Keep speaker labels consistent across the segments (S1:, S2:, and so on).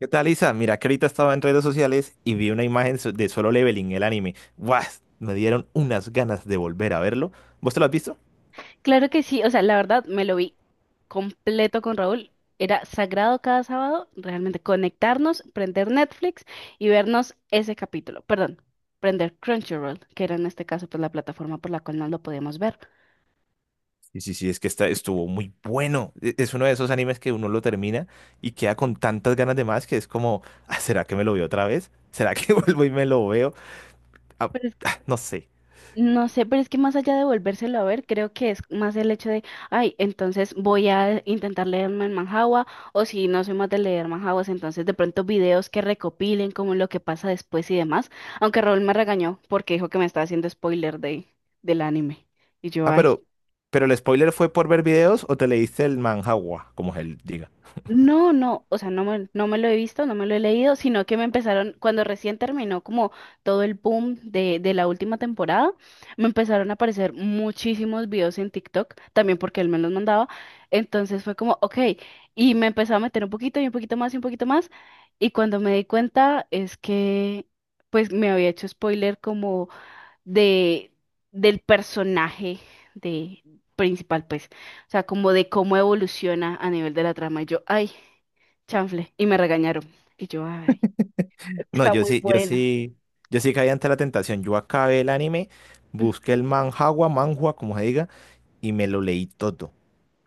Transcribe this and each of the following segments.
S1: ¿Qué tal, Isa? Mira, que ahorita estaba en redes sociales y vi una imagen de Solo Leveling, el anime. ¡Guau! Me dieron unas ganas de volver a verlo. ¿Vos te lo has visto?
S2: Claro que sí, o sea, la verdad me lo vi completo con Raúl. Era sagrado cada sábado realmente conectarnos, prender Netflix y vernos ese capítulo. Perdón, prender Crunchyroll, que era en este caso pues la plataforma por la cual no lo podíamos ver.
S1: Sí, sí, sí, es estuvo muy bueno. Es uno de esos animes que uno lo termina y queda con tantas ganas de más que es como, "Ah, ¿será que me lo veo otra vez? ¿Será que vuelvo y me lo veo? Ah, ah, no sé.
S2: No sé, pero es que más allá de volvérselo a ver, creo que es más el hecho de, ay, entonces voy a intentar leerme en Manhwa, o si no soy más de leer manhwas, entonces de pronto videos que recopilen como lo que pasa después y demás, aunque Raúl me regañó porque dijo que me estaba haciendo spoiler de, del anime. Y yo,
S1: Ah,
S2: ay.
S1: pero, pero el spoiler fue por ver videos o te leíste el manhwa, como él diga.
S2: No, no, o sea, no me lo he visto, no me lo he leído, sino que me empezaron, cuando recién terminó como todo el boom de la última temporada, me empezaron a aparecer muchísimos videos en TikTok, también porque él me los mandaba, entonces fue como, ok, y me empezó a meter un poquito y un poquito más y un poquito más, y cuando me di cuenta es que pues me había hecho spoiler como de del personaje de principal, pues, o sea, como de cómo evoluciona a nivel de la trama. Y yo, ay, chanfle, y me regañaron. Y yo, ay,
S1: No,
S2: está muy bueno.
S1: yo sí caí ante la tentación. Yo acabé el anime,
S2: Mm,
S1: busqué el manhwa, como se diga, y me lo leí todo,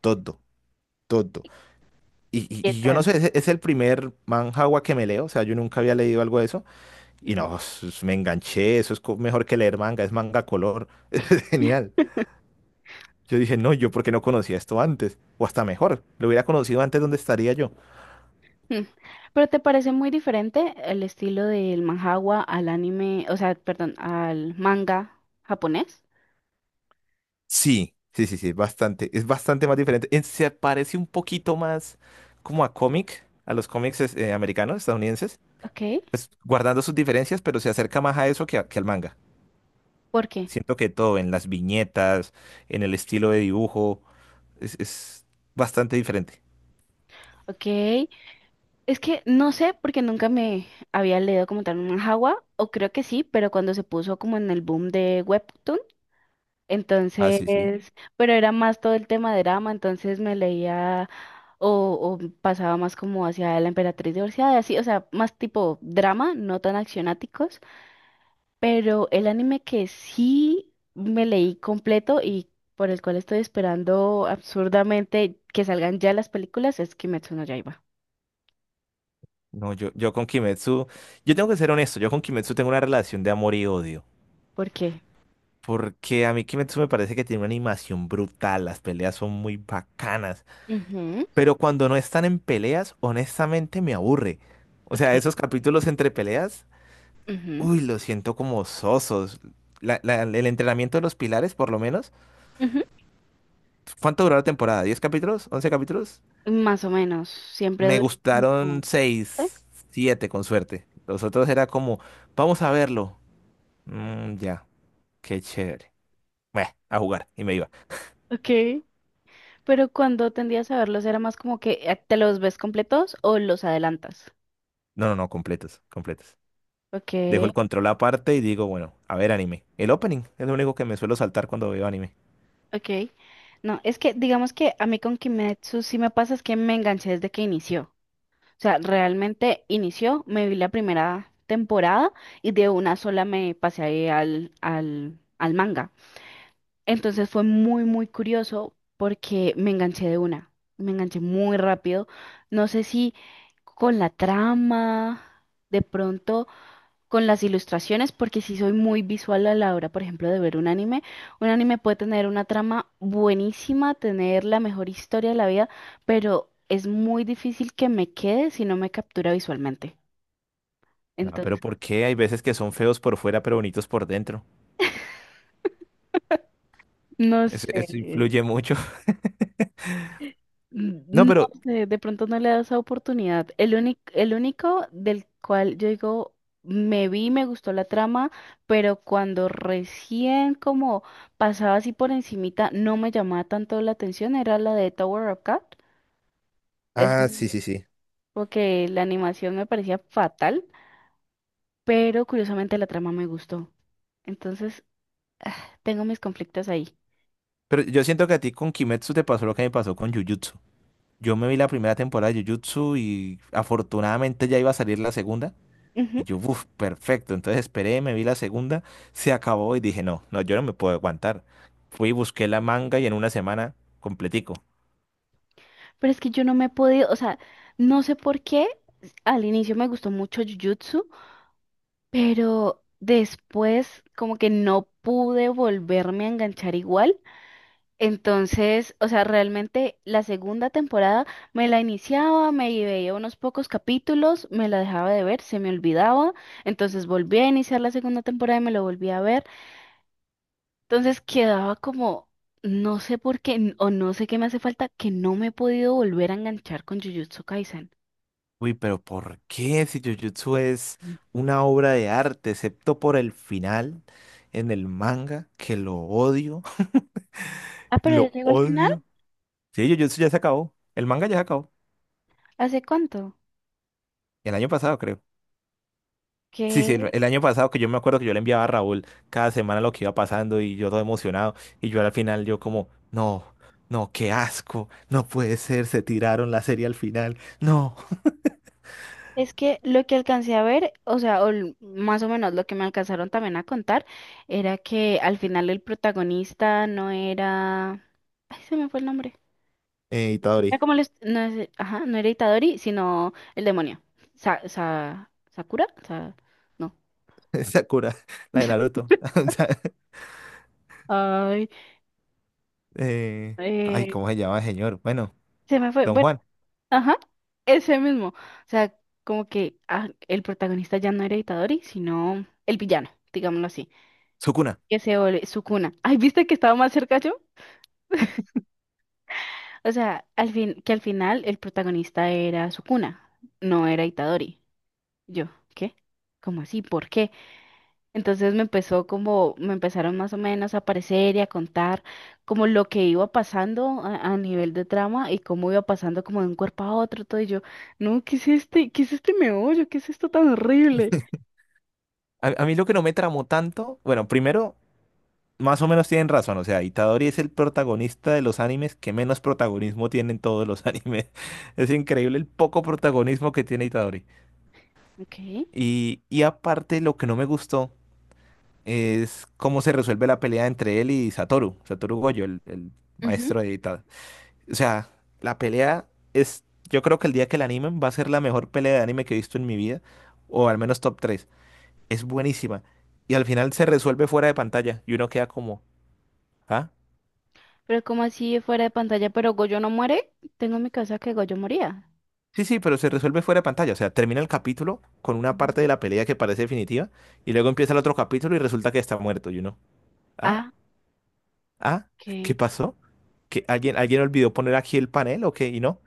S1: todo, todo.
S2: ¿qué
S1: Y yo no
S2: tal?
S1: sé, es el primer manhwa que me leo, o sea, yo nunca había leído algo de eso. Y
S2: Ujú.
S1: no, me enganché, eso es mejor que leer manga, es manga color, es genial. Yo dije, no, yo porque no conocía esto antes, o hasta mejor, lo hubiera conocido antes, ¿dónde estaría yo?
S2: Mm. Pero te parece muy diferente el estilo del manhwa al anime, o sea, perdón, al manga japonés.
S1: Sí, sí, sí, sí, bastante. Es bastante más diferente. Se parece un poquito más como a cómic, a los cómics americanos, estadounidenses,
S2: Ok,
S1: pues guardando sus diferencias, pero se acerca más a eso que al manga.
S2: ¿por qué?
S1: Siento que todo, en las viñetas, en el estilo de dibujo, es bastante diferente.
S2: Ok, es que no sé porque nunca me había leído como tal un manhwa, o creo que sí, pero cuando se puso como en el boom de Webtoon,
S1: Ah,
S2: entonces,
S1: sí, sí.
S2: pero era más todo el tema de drama, entonces me leía o pasaba más como hacia la emperatriz divorciada, así, o sea, más tipo drama, no tan accionáticos, pero el anime que sí me leí completo y por el cual estoy esperando absurdamente que salgan ya las películas es Kimetsu no Yaiba.
S1: No, yo con Kimetsu, yo tengo que ser honesto, yo con Kimetsu tengo una relación de amor y odio.
S2: ¿Por qué?
S1: Porque a mí Kimetsu me parece que tiene una animación brutal, las peleas son muy bacanas,
S2: Ujú,
S1: pero cuando no están en peleas, honestamente me aburre. O sea,
S2: ok.
S1: esos capítulos entre peleas,
S2: Ujú,
S1: uy, los siento como sosos. El entrenamiento de los pilares, por lo menos.
S2: ujú.
S1: ¿Cuánto duró la temporada? ¿10 capítulos? ¿11 capítulos?
S2: Más o menos, siempre
S1: Me
S2: dura.
S1: gustaron
S2: Como... ¿sí?
S1: 6, 7, con suerte. Los otros era como, vamos a verlo. Mm, ya, qué chévere. Bueno, a jugar. Y me iba.
S2: Ok, pero cuando tendías a verlos era más como que te los ves completos o los adelantas.
S1: No, no, no, completos, completos.
S2: Ok,
S1: Dejo el control aparte y digo, bueno, a ver anime. El opening es lo único que me suelo saltar cuando veo anime.
S2: ok. No, es que digamos que a mí con Kimetsu sí me pasa es que me enganché desde que inició. O sea, realmente inició, me vi la primera temporada y de una sola me pasé ahí al manga. Entonces fue muy, muy curioso porque me enganché de una, me enganché muy rápido. No sé si con la trama, de pronto con las ilustraciones, porque sí soy muy visual a la hora, por ejemplo, de ver un anime. Un anime puede tener una trama buenísima, tener la mejor historia de la vida, pero es muy difícil que me quede si no me captura visualmente.
S1: Ah, pero
S2: Entonces,
S1: ¿por qué? Hay veces que son feos por fuera, pero bonitos por dentro.
S2: no
S1: Eso
S2: sé.
S1: influye mucho. No,
S2: No
S1: pero,
S2: sé, de pronto no le da esa oportunidad. El único del cual yo digo, me vi, me gustó la trama, pero cuando recién como pasaba así por encimita, no me llamaba tanto la atención, era la de Tower of God. Es
S1: ah, sí, sí, sí,
S2: porque la animación me parecía fatal, pero curiosamente la trama me gustó. Entonces, tengo mis conflictos ahí.
S1: pero yo siento que a ti con Kimetsu te pasó lo que me pasó con Jujutsu. Yo me vi la primera temporada de Jujutsu y afortunadamente ya iba a salir la segunda. Y
S2: Ujú.
S1: yo, uff, perfecto. Entonces esperé, me vi la segunda, se acabó y dije, no, no, yo no me puedo aguantar. Fui, y busqué la manga y en una semana completico.
S2: Pero es que yo no me he podido, o sea, no sé por qué. Al inicio me gustó mucho Jujutsu, pero después como que no pude volverme a enganchar igual. Entonces, o sea, realmente la segunda temporada me la iniciaba, me veía unos pocos capítulos, me la dejaba de ver, se me olvidaba. Entonces volví a iniciar la segunda temporada y me lo volví a ver. Entonces quedaba como, no sé por qué o no sé qué me hace falta, que no me he podido volver a enganchar con Jujutsu Kaisen.
S1: Uy, pero ¿por qué si Jujutsu es
S2: Mm.
S1: una obra de arte, excepto por el final en el manga, que lo odio,
S2: Ah, pero ya
S1: lo
S2: llegó al final.
S1: odio? Sí, Jujutsu ya se acabó, el manga ya se acabó,
S2: ¿Hace cuánto?
S1: el año pasado creo. Sí, sí, el año pasado que yo me acuerdo que yo le enviaba a Raúl cada semana lo que iba pasando y yo todo emocionado y yo al final yo como, no, no, qué asco, no puede ser, se tiraron la serie al final, no.
S2: Es que lo que alcancé a ver, o sea, más o menos lo que me alcanzaron también a contar, era que al final el protagonista no era... Ay, se me fue el nombre. Era
S1: Itadori,
S2: como el... No ajá, no era Itadori, sino el demonio. ¿Sakura? No.
S1: Sakura, la de Naruto.
S2: Ay,
S1: Ay,
S2: eh,
S1: ¿cómo se llama, el señor? Bueno,
S2: se me fue.
S1: don
S2: Bueno,
S1: Juan,
S2: ajá, ese mismo. O sea, como que ah, el protagonista ya no era Itadori, sino el villano, digámoslo así.
S1: Sukuna.
S2: Que se vuelve Sukuna. Ay, ¿viste que estaba más cerca yo? O sea, al fin, que al final el protagonista era Sukuna, no era Itadori. Yo, ¿qué? ¿Cómo así? ¿Por qué? Entonces me empezó como, me empezaron más o menos a aparecer y a contar como lo que iba pasando a nivel de trama y cómo iba pasando como de un cuerpo a otro, todo y yo, no, ¿qué es este? ¿Qué es este meollo? ¿Qué es esto tan horrible?
S1: A mí lo que no me tramó tanto, bueno, primero, más o menos tienen razón, o sea, Itadori es el protagonista de los animes que menos protagonismo tienen todos los animes. Es increíble el poco protagonismo que tiene Itadori.
S2: Ok.
S1: Y aparte, lo que no me gustó es cómo se resuelve la pelea entre él y Satoru, Satoru Gojo, el
S2: Ujú,
S1: maestro de Itadori. O sea, la pelea es, yo creo que el día que la animen va a ser la mejor pelea de anime que he visto en mi vida, o al menos top tres. Es buenísima. Y al final se resuelve fuera de pantalla y uno queda como, ¿ah?
S2: pero como así fuera de pantalla, pero Goyo no muere, tengo en mi casa que Goyo moría.
S1: Sí, sí, pero se resuelve fuera de pantalla. O sea, termina el capítulo con una
S2: Ujú.
S1: parte de la pelea que parece definitiva y luego empieza el otro capítulo y resulta que está muerto y uno, ¿ah?
S2: Ah,
S1: ¿Ah? ¿Qué
S2: ok.
S1: pasó? ¿Que alguien, alguien olvidó poner aquí el panel o qué? Y no,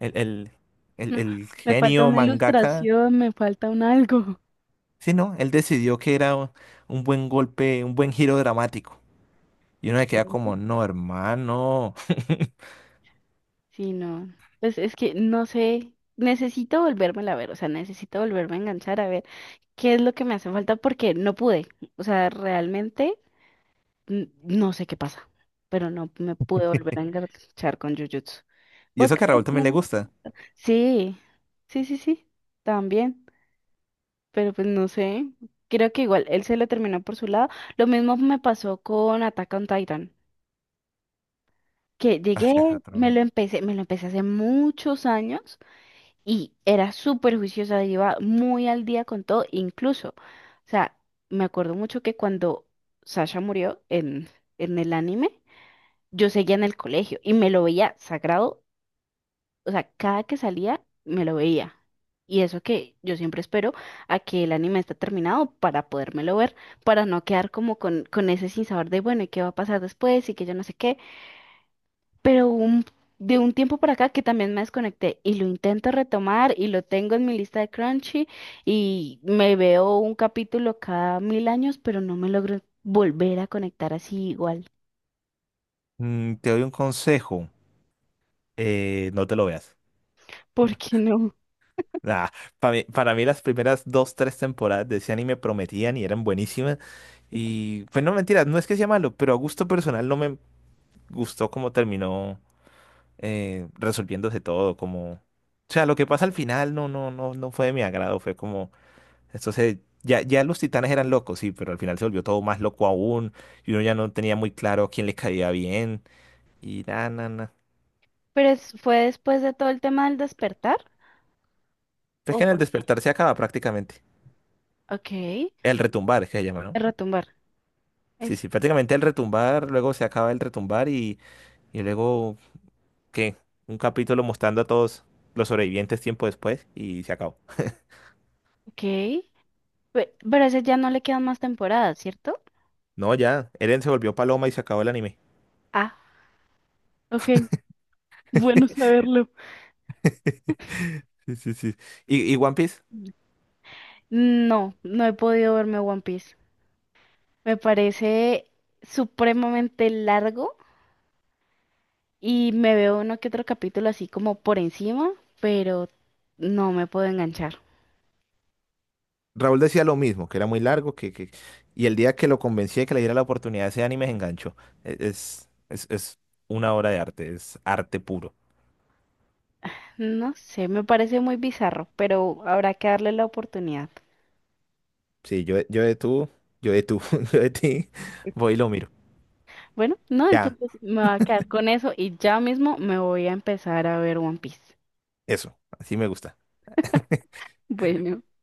S1: el, el,
S2: No,
S1: el
S2: me falta
S1: genio
S2: una
S1: mangaka.
S2: ilustración, me falta un algo.
S1: Sí, no, él decidió que era un buen golpe, un buen giro dramático. Y uno se queda
S2: Aquí,
S1: como, no, hermano.
S2: sí, no. Pues es que no sé, necesito volverme a ver, o sea, necesito volverme a enganchar a ver qué es lo que me hace falta porque no pude. O sea, realmente no sé qué pasa, pero no me pude volver a enganchar con Jujutsu.
S1: Y
S2: ¿Vos
S1: eso
S2: qué
S1: que a
S2: estás
S1: Raúl también le
S2: viendo?
S1: gusta.
S2: Sí, sí, sí, sí, también, pero pues no sé. Creo que igual él se lo terminó por su lado. Lo mismo me pasó con Attack on Titan. Que
S1: Ah,
S2: llegué,
S1: sí, es
S2: me
S1: otro.
S2: lo empecé, me lo empecé hace muchos años y era súper juiciosa, iba muy al día con todo, incluso, o sea, me acuerdo mucho que cuando Sasha murió en el anime, yo seguía en el colegio y me lo veía sagrado, o sea, cada que salía me lo veía. Y eso que yo siempre espero a que el anime esté terminado para podérmelo ver, para no quedar como con ese sinsabor de, bueno, ¿y qué va a pasar después? Y que yo no sé qué, pero de un tiempo para acá que también me desconecté y lo intento retomar y lo tengo en mi lista de Crunchy y me veo un capítulo cada mil años, pero no me logro volver a conectar así igual.
S1: Mm, te doy un consejo, no te lo veas.
S2: ¿Por qué no?
S1: Nah, para mí, las primeras dos, tres temporadas de ese anime prometían y eran buenísimas. Y, pues no, mentiras, no es que sea malo, pero a gusto personal no me gustó cómo terminó, resolviéndose todo. Como, o sea, lo que pasa al final no, no, no, no fue de mi agrado. Fue como. Entonces, ya, ya los titanes eran locos, sí, pero al final se volvió todo más loco aún. Y uno ya no tenía muy claro quién le caía bien. Y nada, nada, nada.
S2: Pero fue después de todo el tema del despertar.
S1: Pero es
S2: ¿O
S1: que en el
S2: por qué?
S1: despertar se acaba prácticamente.
S2: Ok, de
S1: El retumbar, es que se llama, ¿no?
S2: retumbar.
S1: Sí,
S2: Eso.
S1: sí, prácticamente el retumbar, luego se acaba el retumbar y luego, ¿qué? Un capítulo mostrando a todos los sobrevivientes tiempo después y se acabó.
S2: Ok. Pero a ese ya no le quedan más temporadas, ¿cierto?
S1: No, ya, Eren se volvió paloma y se acabó el anime.
S2: Ah, ok. Bueno saberlo.
S1: Sí, sí, sí. ¿Y One Piece?
S2: No, no he podido verme One Piece. Me parece supremamente largo y me veo uno que otro capítulo así como por encima, pero no me puedo enganchar.
S1: Raúl decía lo mismo, que era muy largo, y el día que lo convencí de que le diera la oportunidad ese anime se enganchó. Es una obra de arte, es arte puro.
S2: No sé, me parece muy bizarro, pero habrá que darle la oportunidad.
S1: Sí, yo de tú, yo de ti, voy y lo miro.
S2: Bueno, no,
S1: Ya,
S2: entonces me voy a quedar con eso y ya mismo me voy a empezar a ver One Piece.
S1: eso, así me gusta.
S2: Bueno.